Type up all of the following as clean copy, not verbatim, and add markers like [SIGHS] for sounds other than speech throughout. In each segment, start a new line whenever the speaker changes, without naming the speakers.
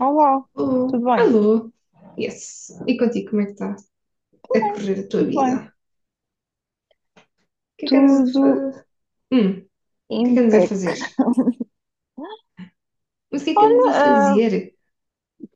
Olá,
Alô,
tudo bem?
alô, yes. E contigo, como é que está
Tudo
a
bem,
correr a tua
tudo bem.
vida? O que é que andas a
Tudo
fazer? O que é que andas a
impec.
fazer? Mas o que é que andas
Olha,
a fazer?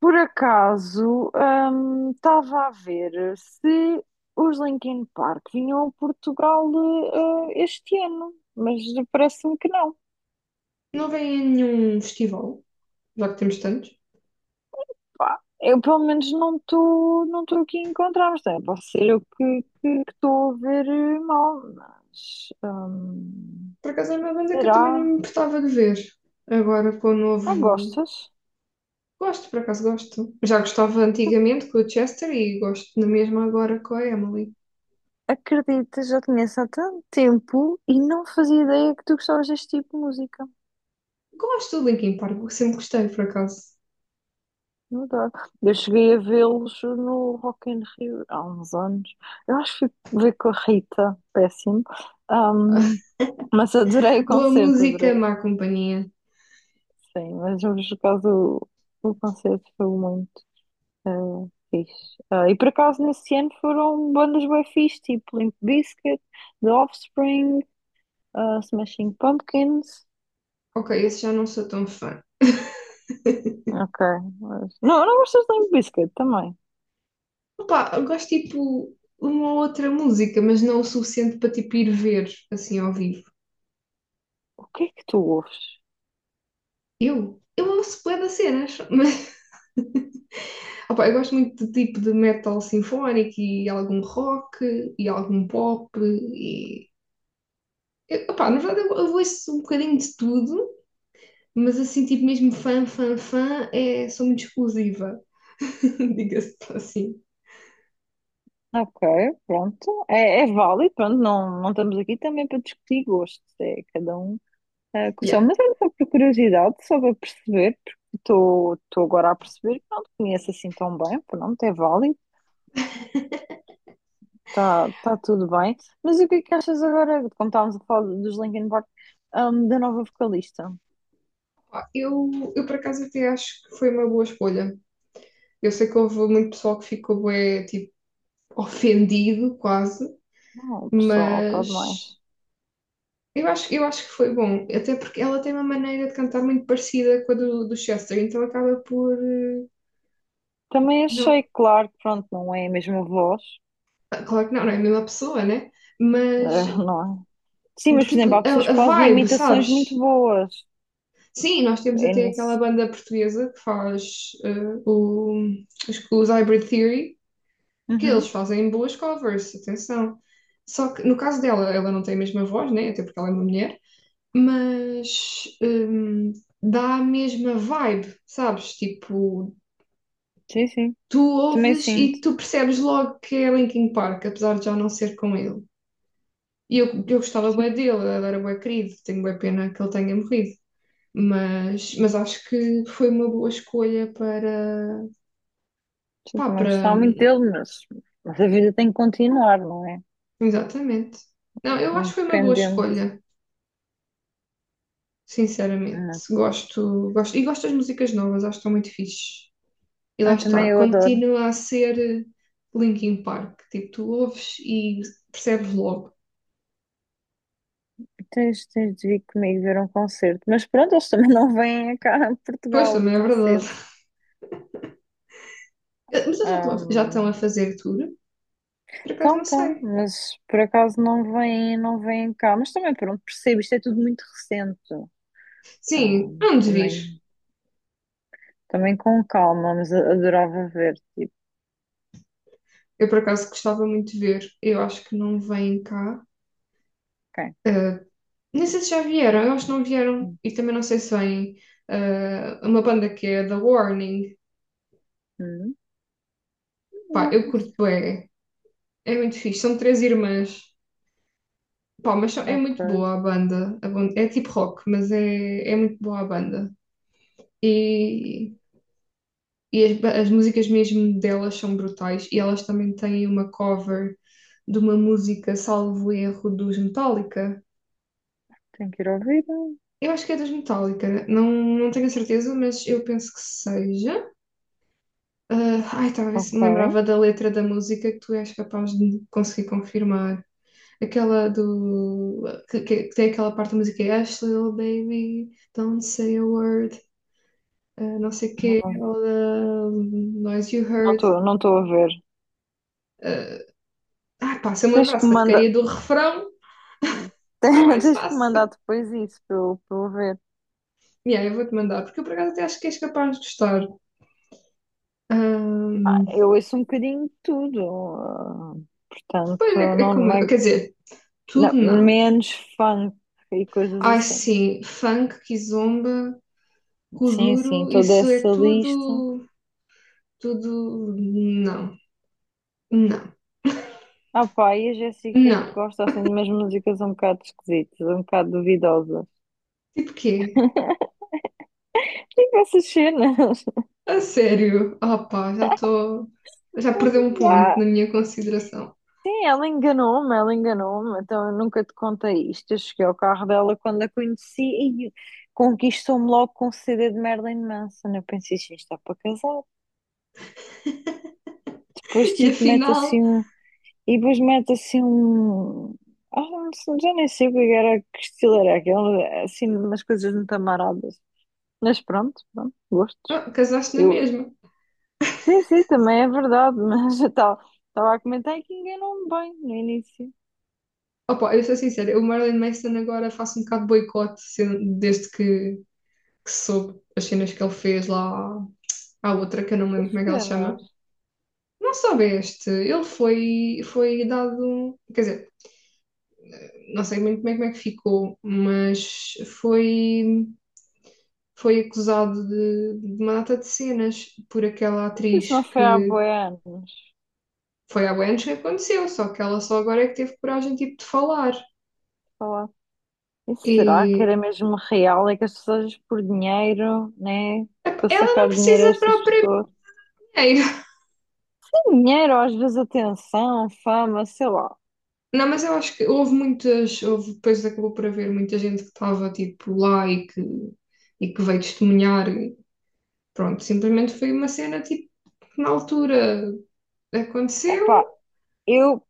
por acaso, estava a ver se os Linkin Park vinham a Portugal, este ano, mas parece-me que não.
Não vem a nenhum festival, já que temos tantos.
Pá, eu pelo menos não estou aqui a encontrar, mas também pode ser eu que estou a ver mal, mas
Por acaso é uma banda que eu também não
será?
me importava de ver. Agora com o
Ah,
novo.
gostas?
Gosto, por acaso gosto. Já gostava antigamente com o Chester e gosto na mesma agora com a Emily.
Acredita, já te conheço há tanto tempo e não fazia ideia que tu gostavas deste tipo de música.
Gosto do Linkin Park, sempre gostei, por acaso.
Não dá. Eu cheguei a vê-los no Rock in Rio há uns anos. Eu acho que fui ver com a Rita, péssimo. Ahm, mas adorei o
Boa
concerto, adorei.
música, má companhia.
Sim, mas por acaso o concerto foi muito eh, fixe. Ah, e por acaso nesse ano foram bandas bem fixe, tipo Limp Bizkit, The Offspring, Smashing Pumpkins.
Ok, esse já não sou tão fã.
Ok. Não, não gostas de Limp Bizkit também.
Opa, eu gosto tipo uma outra música, mas não o suficiente para tipo ir ver assim ao vivo.
O que é que tu ouves?
Eu? Eu ouço bué das cenas, [LAUGHS] mas opa, eu gosto muito de tipo de metal sinfónico e algum rock e algum pop e opa, na verdade eu ouço um bocadinho de tudo, mas assim tipo mesmo fã, fã, fã, é, sou muito exclusiva, [LAUGHS] diga-se assim.
Ok, pronto. É, é válido, pronto. Não, não estamos aqui também para discutir gostos. É cada um com o seu.
Yeah.
Mas é só por curiosidade, só para perceber, porque estou agora a perceber que não te conheço assim tão bem. Pronto, é válido, está tá tudo bem. Mas o que é que achas agora, como estávamos a falar dos Linkin Park, da nova vocalista?
Pá, Eu por acaso até acho que foi uma boa escolha. Eu sei que houve muito pessoal que ficou bué, tipo ofendido quase,
Não, pessoal, está demais.
mas eu acho que foi bom, até porque ela tem uma maneira de cantar muito parecida com a do Chester, então acaba por
Também achei,
não,
claro, que pronto, não é a mesma voz.
ah, claro que não, não é a mesma pessoa, né? Mas
Não é? Sim, mas, por exemplo,
tipo,
há pessoas
a
que fazem
vibe,
imitações muito
sabes?
boas.
Sim, nós temos
É
até aquela
nisso.
banda portuguesa que faz o, os Hybrid Theory, que eles
Uhum.
fazem boas covers, atenção. Só que no caso dela, ela não tem a mesma voz, né? Até porque ela é uma mulher. Mas dá a mesma vibe, sabes? Tipo,
Sim, sim.
tu
Também
ouves
sinto.
e tu percebes logo que é Linkin Park, apesar de já não ser com ele. E eu gostava bué
Sim,
dele, ele era bué querido, tenho bué pena que ele tenha morrido. Mas acho que foi uma boa escolha para,
sim,
pá,
também
para,
gostava muito dele, mas a vida tem que continuar, não é?
exatamente. Não, eu acho que foi uma boa
Independente.
escolha, sinceramente.
Ah,
Gosto, gosto, e gosto das músicas novas, acho que estão muito fixe. E lá
também
está,
eu adoro.
continua a ser Linkin Park. Tipo, tu ouves e percebes logo.
Tens de vir comigo ver um concerto. Mas pronto, eles também [LAUGHS] não vêm cá a
Pois,
Portugal
também é
tão
verdade.
cedo.
Eh, mas eles já estão a
Ahm,
fazer tour? Por acaso
Então,
não
então,
sei.
mas por acaso não vêm cá. Mas também, pronto, percebo, isto é tudo muito recente.
Sim, não desvir.
Também Também com calma, mas adorava ver. Tipo,
Eu por acaso gostava muito de ver. Eu acho que não vêm cá.
quem?
Eh, nem sei se já vieram, eu acho que não vieram. E também não sei se vêm uma banda que é The Warning.
Uhum.
Pá,
Não,
eu
isso.
curto bem. É muito fixe. São três irmãs. Pá, é muito
Ok,
boa a banda. É tipo rock, mas é muito boa a banda. E, as músicas mesmo delas são brutais. E elas também têm uma cover de uma música, salvo erro, dos Metallica.
tenho que ir ouvir.
Eu acho que é dos Metallica, não, não tenho a certeza, mas eu penso que seja. Ah, ai, estava a ver se
Ok,
me lembrava da letra da música que tu és capaz de conseguir confirmar. Aquela do. Que, que tem aquela parte da música, é Ashley, little baby. Don't say a word. Ah, não sei quê,
não
ou da Noise You Heard.
não estou a ver.
ah, pá, se eu me
Tens que
lembrasse
me
da
mandar,
porcaria do refrão,
[LAUGHS]
era mais
tens que me mandar
fácil.
depois isso para eu ver.
Yeah, eu vou-te mandar, porque eu por acaso até acho que és capaz de gostar.
Ah,
Ahm,
eu ouço um bocadinho de tudo, ah,
pois
portanto,
é, é como
não
eu,
é,
quer dizer, tudo
não,
não.
menos funk e coisas
Ai
assim.
sim, funk, kizomba,
Sim, sim,
kuduro,
toda
isso é
essa lista.
tudo, tudo, não, não,
Ah, pá, e a Jéssica
não.
gosta assim de umas músicas um bocado esquisitas, um bocado duvidosas.
Tipo quê?
Tem vai assistir, né? [LAUGHS]
A sério? Ah pá, já estou, já perdeu um ponto
Já.
na minha consideração.
Sim, ela enganou-me, então eu nunca te contei isto. Eu cheguei ao carro dela quando a conheci e conquistou-me logo com um CD de Marilyn Manson. Eu pensei, isto está para casar. Depois,
E
tipo, mete
afinal,
assim um. E depois mete assim um. Ah, não sei, já nem sei o que era, que estilo era aquele, assim, umas coisas muito amaradas. Mas pronto, pronto, gostos.
ah, casaste na
Eu...
mesma.
Sim, sim, também é verdade, [LAUGHS] mas eu estava estava a comentar que enganou-me bem no início.
Opa, eu sou sincera, o Marilyn Manson agora faço um bocado de boicote desde que soube as cenas que ele fez lá à outra, que eu não me lembro como é que ela se
Pena.
chama. Não soubeste, ele foi, foi dado, um, quer dizer, não sei muito bem como é que ficou, mas foi, foi acusado de uma data de cenas por aquela
Isso
atriz
não foi há
que
bué anos.
foi há anos que aconteceu, só que ela só agora é que teve coragem tipo de falar.
Falar. E será que
E
era mesmo real? É que as pessoas por dinheiro, né?
ep,
Para
ela não
sacar dinheiro a
precisa.
estas pessoas.
É,
Tem dinheiro, às vezes atenção, fama, sei lá.
não, mas eu acho que houve muitas, houve, depois acabou por haver muita gente que estava tipo lá e que veio testemunhar. Pronto, simplesmente foi uma cena tipo que na altura aconteceu.
Epá, eu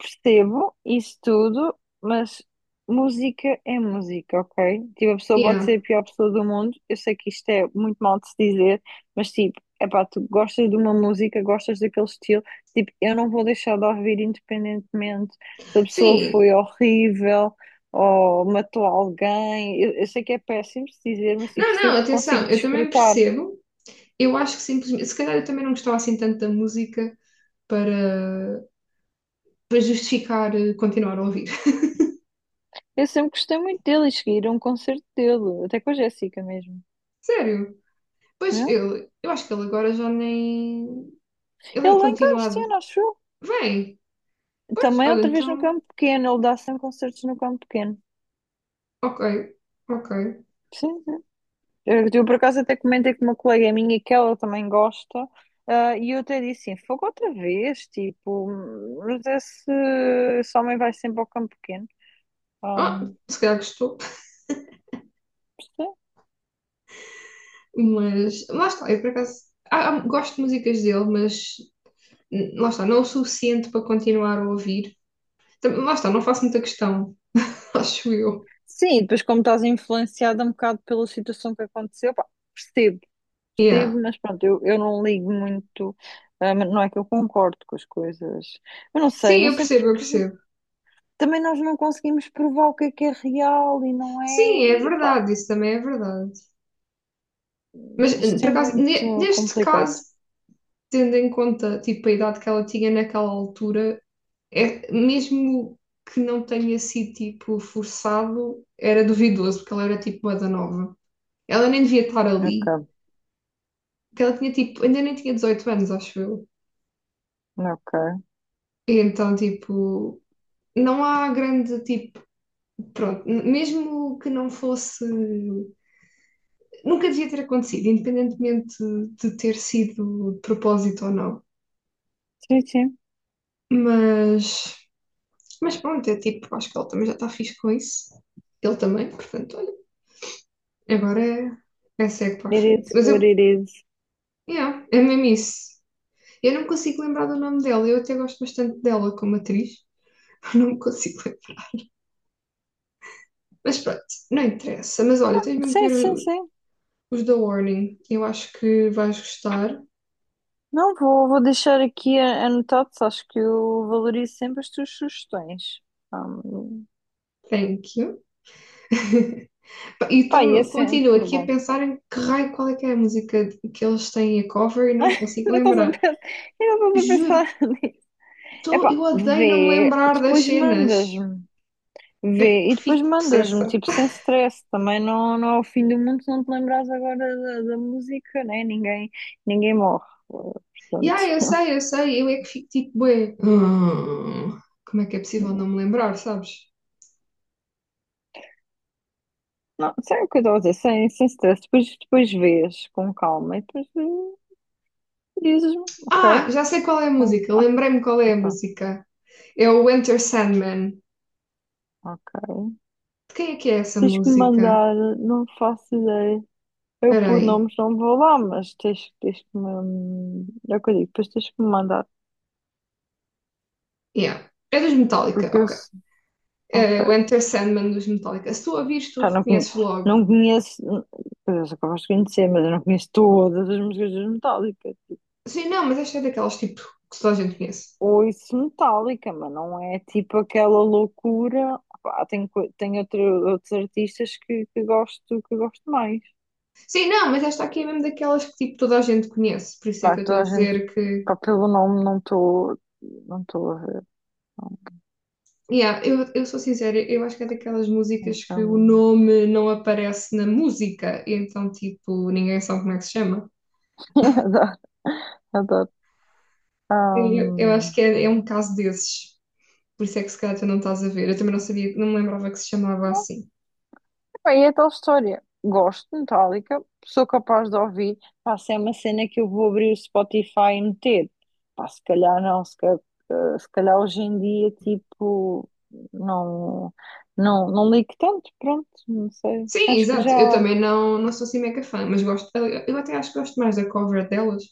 Percebo isso tudo, mas música é música, ok? Tipo, a pessoa pode
Yeah.
ser a pior pessoa do mundo. Eu sei que isto é muito mal de se dizer, mas tipo, epá, tu gostas de uma música, gostas daquele estilo. Tipo, eu não vou deixar de ouvir independentemente se a pessoa
Sim,
foi horrível ou matou alguém. Eu sei que é péssimo se dizer, mas tipo,
não,
se
não,
eu consigo
atenção, eu também
desfrutar.
percebo. Eu acho que simplesmente, se calhar eu também não gostava assim tanto da música para, para justificar continuar a ouvir. [LAUGHS]
Eu sempre gostei muito dele e cheguei a ir a um concerto dele, até com a Jéssica mesmo.
Sério. Pois
Não?
ele, eu acho que ele agora já nem.
é?
Ele é
Ele vem cá este
continuado.
ano, acho
Vem, pois,
Também
olha,
outra vez no
então.
campo pequeno, ele dá sempre concertos no campo pequeno.
Ok, ok.
Sim, sim. Por acaso até comentei com uma colega minha que ela também gosta, e eu até disse assim, fogo outra vez, tipo, mas esse, esse homem vai sempre ao campo pequeno. Ah,
Ah, se calhar gostou,
sim.
mas lá está, eu por acaso gosto de músicas dele, mas lá está, não o suficiente para continuar a ouvir. Lá está, não faço muita questão, [LAUGHS] acho eu.
Sim, depois como estás influenciada um bocado pela situação que aconteceu, pá, percebo,
Yeah.
percebo, mas pronto, eu não ligo muito, mas não é que eu concordo com as coisas, eu não sei,
Sim,
não
eu
sei
percebo, eu
porque
percebo.
também nós não conseguimos provar o que é real e não é.
Sim, é
E, epá,
verdade, isso também é verdade. Mas
isto
por
é
acaso,
muito
neste
complicado.
caso, tendo em conta tipo, a idade que ela tinha naquela altura, é, mesmo que não tenha sido tipo forçado, era duvidoso, porque ela era tipo uma da nova. Ela nem devia estar ali,
Ok,
porque ela tinha tipo, ainda nem tinha 18 anos, acho eu.
ok.
E então, tipo, não há grande tipo, pronto, mesmo que não fosse, nunca devia ter acontecido, independentemente de ter sido de propósito ou não.
Sim, sim.
Mas, mas pronto, é tipo, acho que ele também já está fixe com isso. Ele também, portanto, olha, agora é, é segue para a
It is
frente. Mas
what
eu,
it is.
yeah, é mesmo isso. Eu não me consigo lembrar do nome dela, eu até gosto bastante dela como atriz. [LAUGHS] Eu não me consigo lembrar. Mas pronto, não interessa. Mas olha, tens mesmo que
Sim,
ver
sim, sim.
os da Warning. Eu acho que vais gostar.
Não, vou deixar aqui anotado, acho que eu valorizo sempre as tuas sugestões. Um,
Thank you. [LAUGHS] E
pá, e é
continuo
sempre
aqui a
bom.
pensar em que raio, qual é que é a música que eles têm a cover e
[LAUGHS]
não me consigo
Ainda estás a
lembrar.
pensar, ainda estás a
Juro,
pensar [LAUGHS] nisso. Epá,
eu odeio não me
vê,
lembrar das
depois
cenas.
mandas-me.
Eu
Vê, e depois
fico
mandas-me,
possessa.
tipo, sem stress, também não é o fim do mundo se não te lembrares agora da música, né? Ninguém, ninguém morre, eh,
E
portanto,
ah, eu é que fico tipo, bué. [SIGHS] Como é que é possível
não,
não me lembrar, sabes?
não, sei o que eu estou a dizer, sem stress, depois vês com calma e depois dizes-me, ok, eh,
Ah, já sei qual é a música,
ah,
lembrei-me qual é a
pronto,
música. É o Enter Sandman.
ok,
Quem é que é essa
tens que me
música?
mandar, não faço ideia, eu
Espera
por
aí.
nomes não vou lá, mas tens que me, é o que eu digo, depois tens que me mandar,
Yeah. É dos Metallica,
porque eu,
ok.
se-
É o
ok.
Enter Sandman dos Metallica. Se tu a vires, tu
Pá, não,
reconheces logo.
não conheço, pois eu sou capaz de conhecer, mas eu não conheço todas as músicas dos Metallica. Tipo,
Sim, não, mas esta é daquelas tipo que toda a gente conhece.
ouço Metallica, mas não é tipo aquela loucura. Pá, tem outro, outros artistas que gosto mais.
Sim, não, mas esta aqui é mesmo daquelas que tipo toda a gente conhece. Por isso é que
Claro,
eu estou a
toda a gente,
dizer que.
pá, pelo nome não estou a ver.
Yeah, eu sou sincera, eu acho que é daquelas músicas que o
Então,
nome não aparece na música, e então tipo ninguém sabe como é que se chama.
[LAUGHS] adoro,
Eu acho
adoro.
que é, é um caso desses. Por isso é que se calhar tu não estás a ver. Eu também não sabia, não me lembrava que se chamava assim.
Bem, é tal história. Gosto de Metallica, sou capaz de ouvir. Pá, se é uma cena que eu vou abrir o Spotify e meter. Pá, se calhar se calhar, se calhar hoje em dia, tipo, não, não ligo tanto, pronto, não sei.
Sim,
Acho que
exato.
já
Eu também não, não sou assim mega fã, mas gosto. Eu até acho que gosto mais da cover delas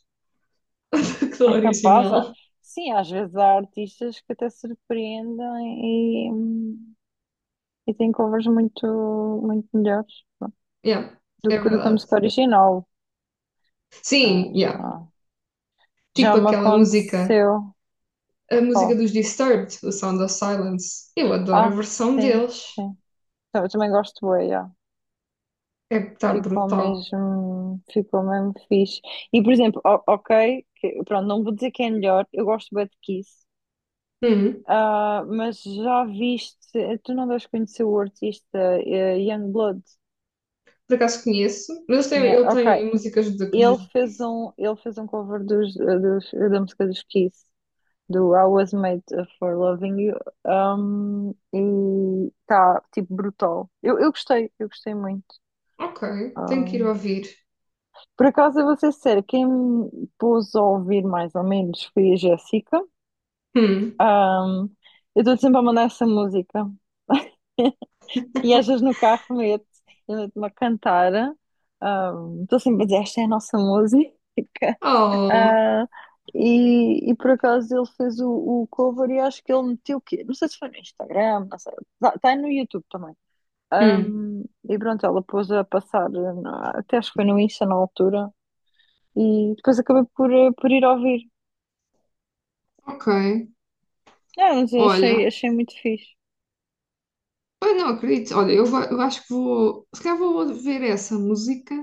[LAUGHS] do que da
é capaz. Ah,
original.
Sim, às vezes há artistas que até surpreendem e têm covers muito, muito melhores pronto,
Yeah, é
do que a
verdade.
música original. Ah,
Sim,
já,
yeah.
já
Tipo
me
aquela música,
aconteceu.
a música
Pá.
dos Disturbed, o Sound of Silence. Eu adoro a
Ah,
versão
sim,
deles.
sim. Eu também gosto bué, já.
É que está brutal.
Ficou mesmo fixe. E, por exemplo, ok, pronto, não vou dizer que é melhor, eu gosto bué de Kiss,
Hum,
Ah, mas já viste, tu não deves conhecer o artista Youngblood,
por acaso conheço, mas eles têm, ele
Ok,
tem músicas dos.
ele fez um cover da música dos Kiss, do I Was Made for Loving You, um, e está tipo, brutal. Eu gostei muito.
Ok, tenho que ir ouvir.
Por acaso, eu vou ser sincera, quem me pôs a ouvir mais ou menos foi a Jéssica.
Hum.
Ahm, eu estou sempre a mandar essa música. E às vezes no carro meto, eu meto-me a cantar. Estou sempre a dizer, esta é a nossa música. [LAUGHS]
Oh,
Ah, e por acaso ele fez o cover e acho que ele meteu o quê? Não sei se foi no Instagram, não sei. Está no YouTube também.
hum.
Ahm, e pronto, ela pôs a passar, até acho que foi no Insta na altura. E depois acabei por, por ir ouvir.
Ok,
Não, mas eu achei,
olha.
achei muito fixe.
Ai, não acredito. Olha, eu, eu acho que vou. Se calhar vou ver essa música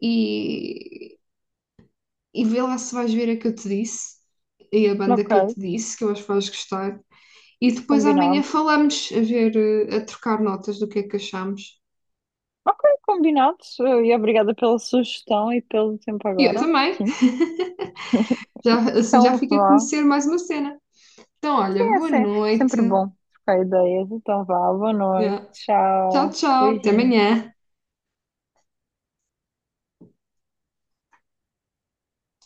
e, e vê lá se vais ver a que eu te disse e a banda
Ok,
que eu te disse, que eu acho que vais gostar. E depois amanhã
combinado.
falamos a ver, eh, a trocar notas do que é que achamos.
Ok, combinado. E obrigada pela sugestão e pelo tempo
E eu
agora.
também.
Sim.
[LAUGHS] Já, assim já
Então
fica a
vá.
conhecer mais uma cena. Então,
Sim,
olha,
é
boa noite.
sempre bom trocar ideias. Então vá, boa
Yeah.
noite.
Tchau,
Tchau.
tchau. Até
Beijinhos.
amanhã.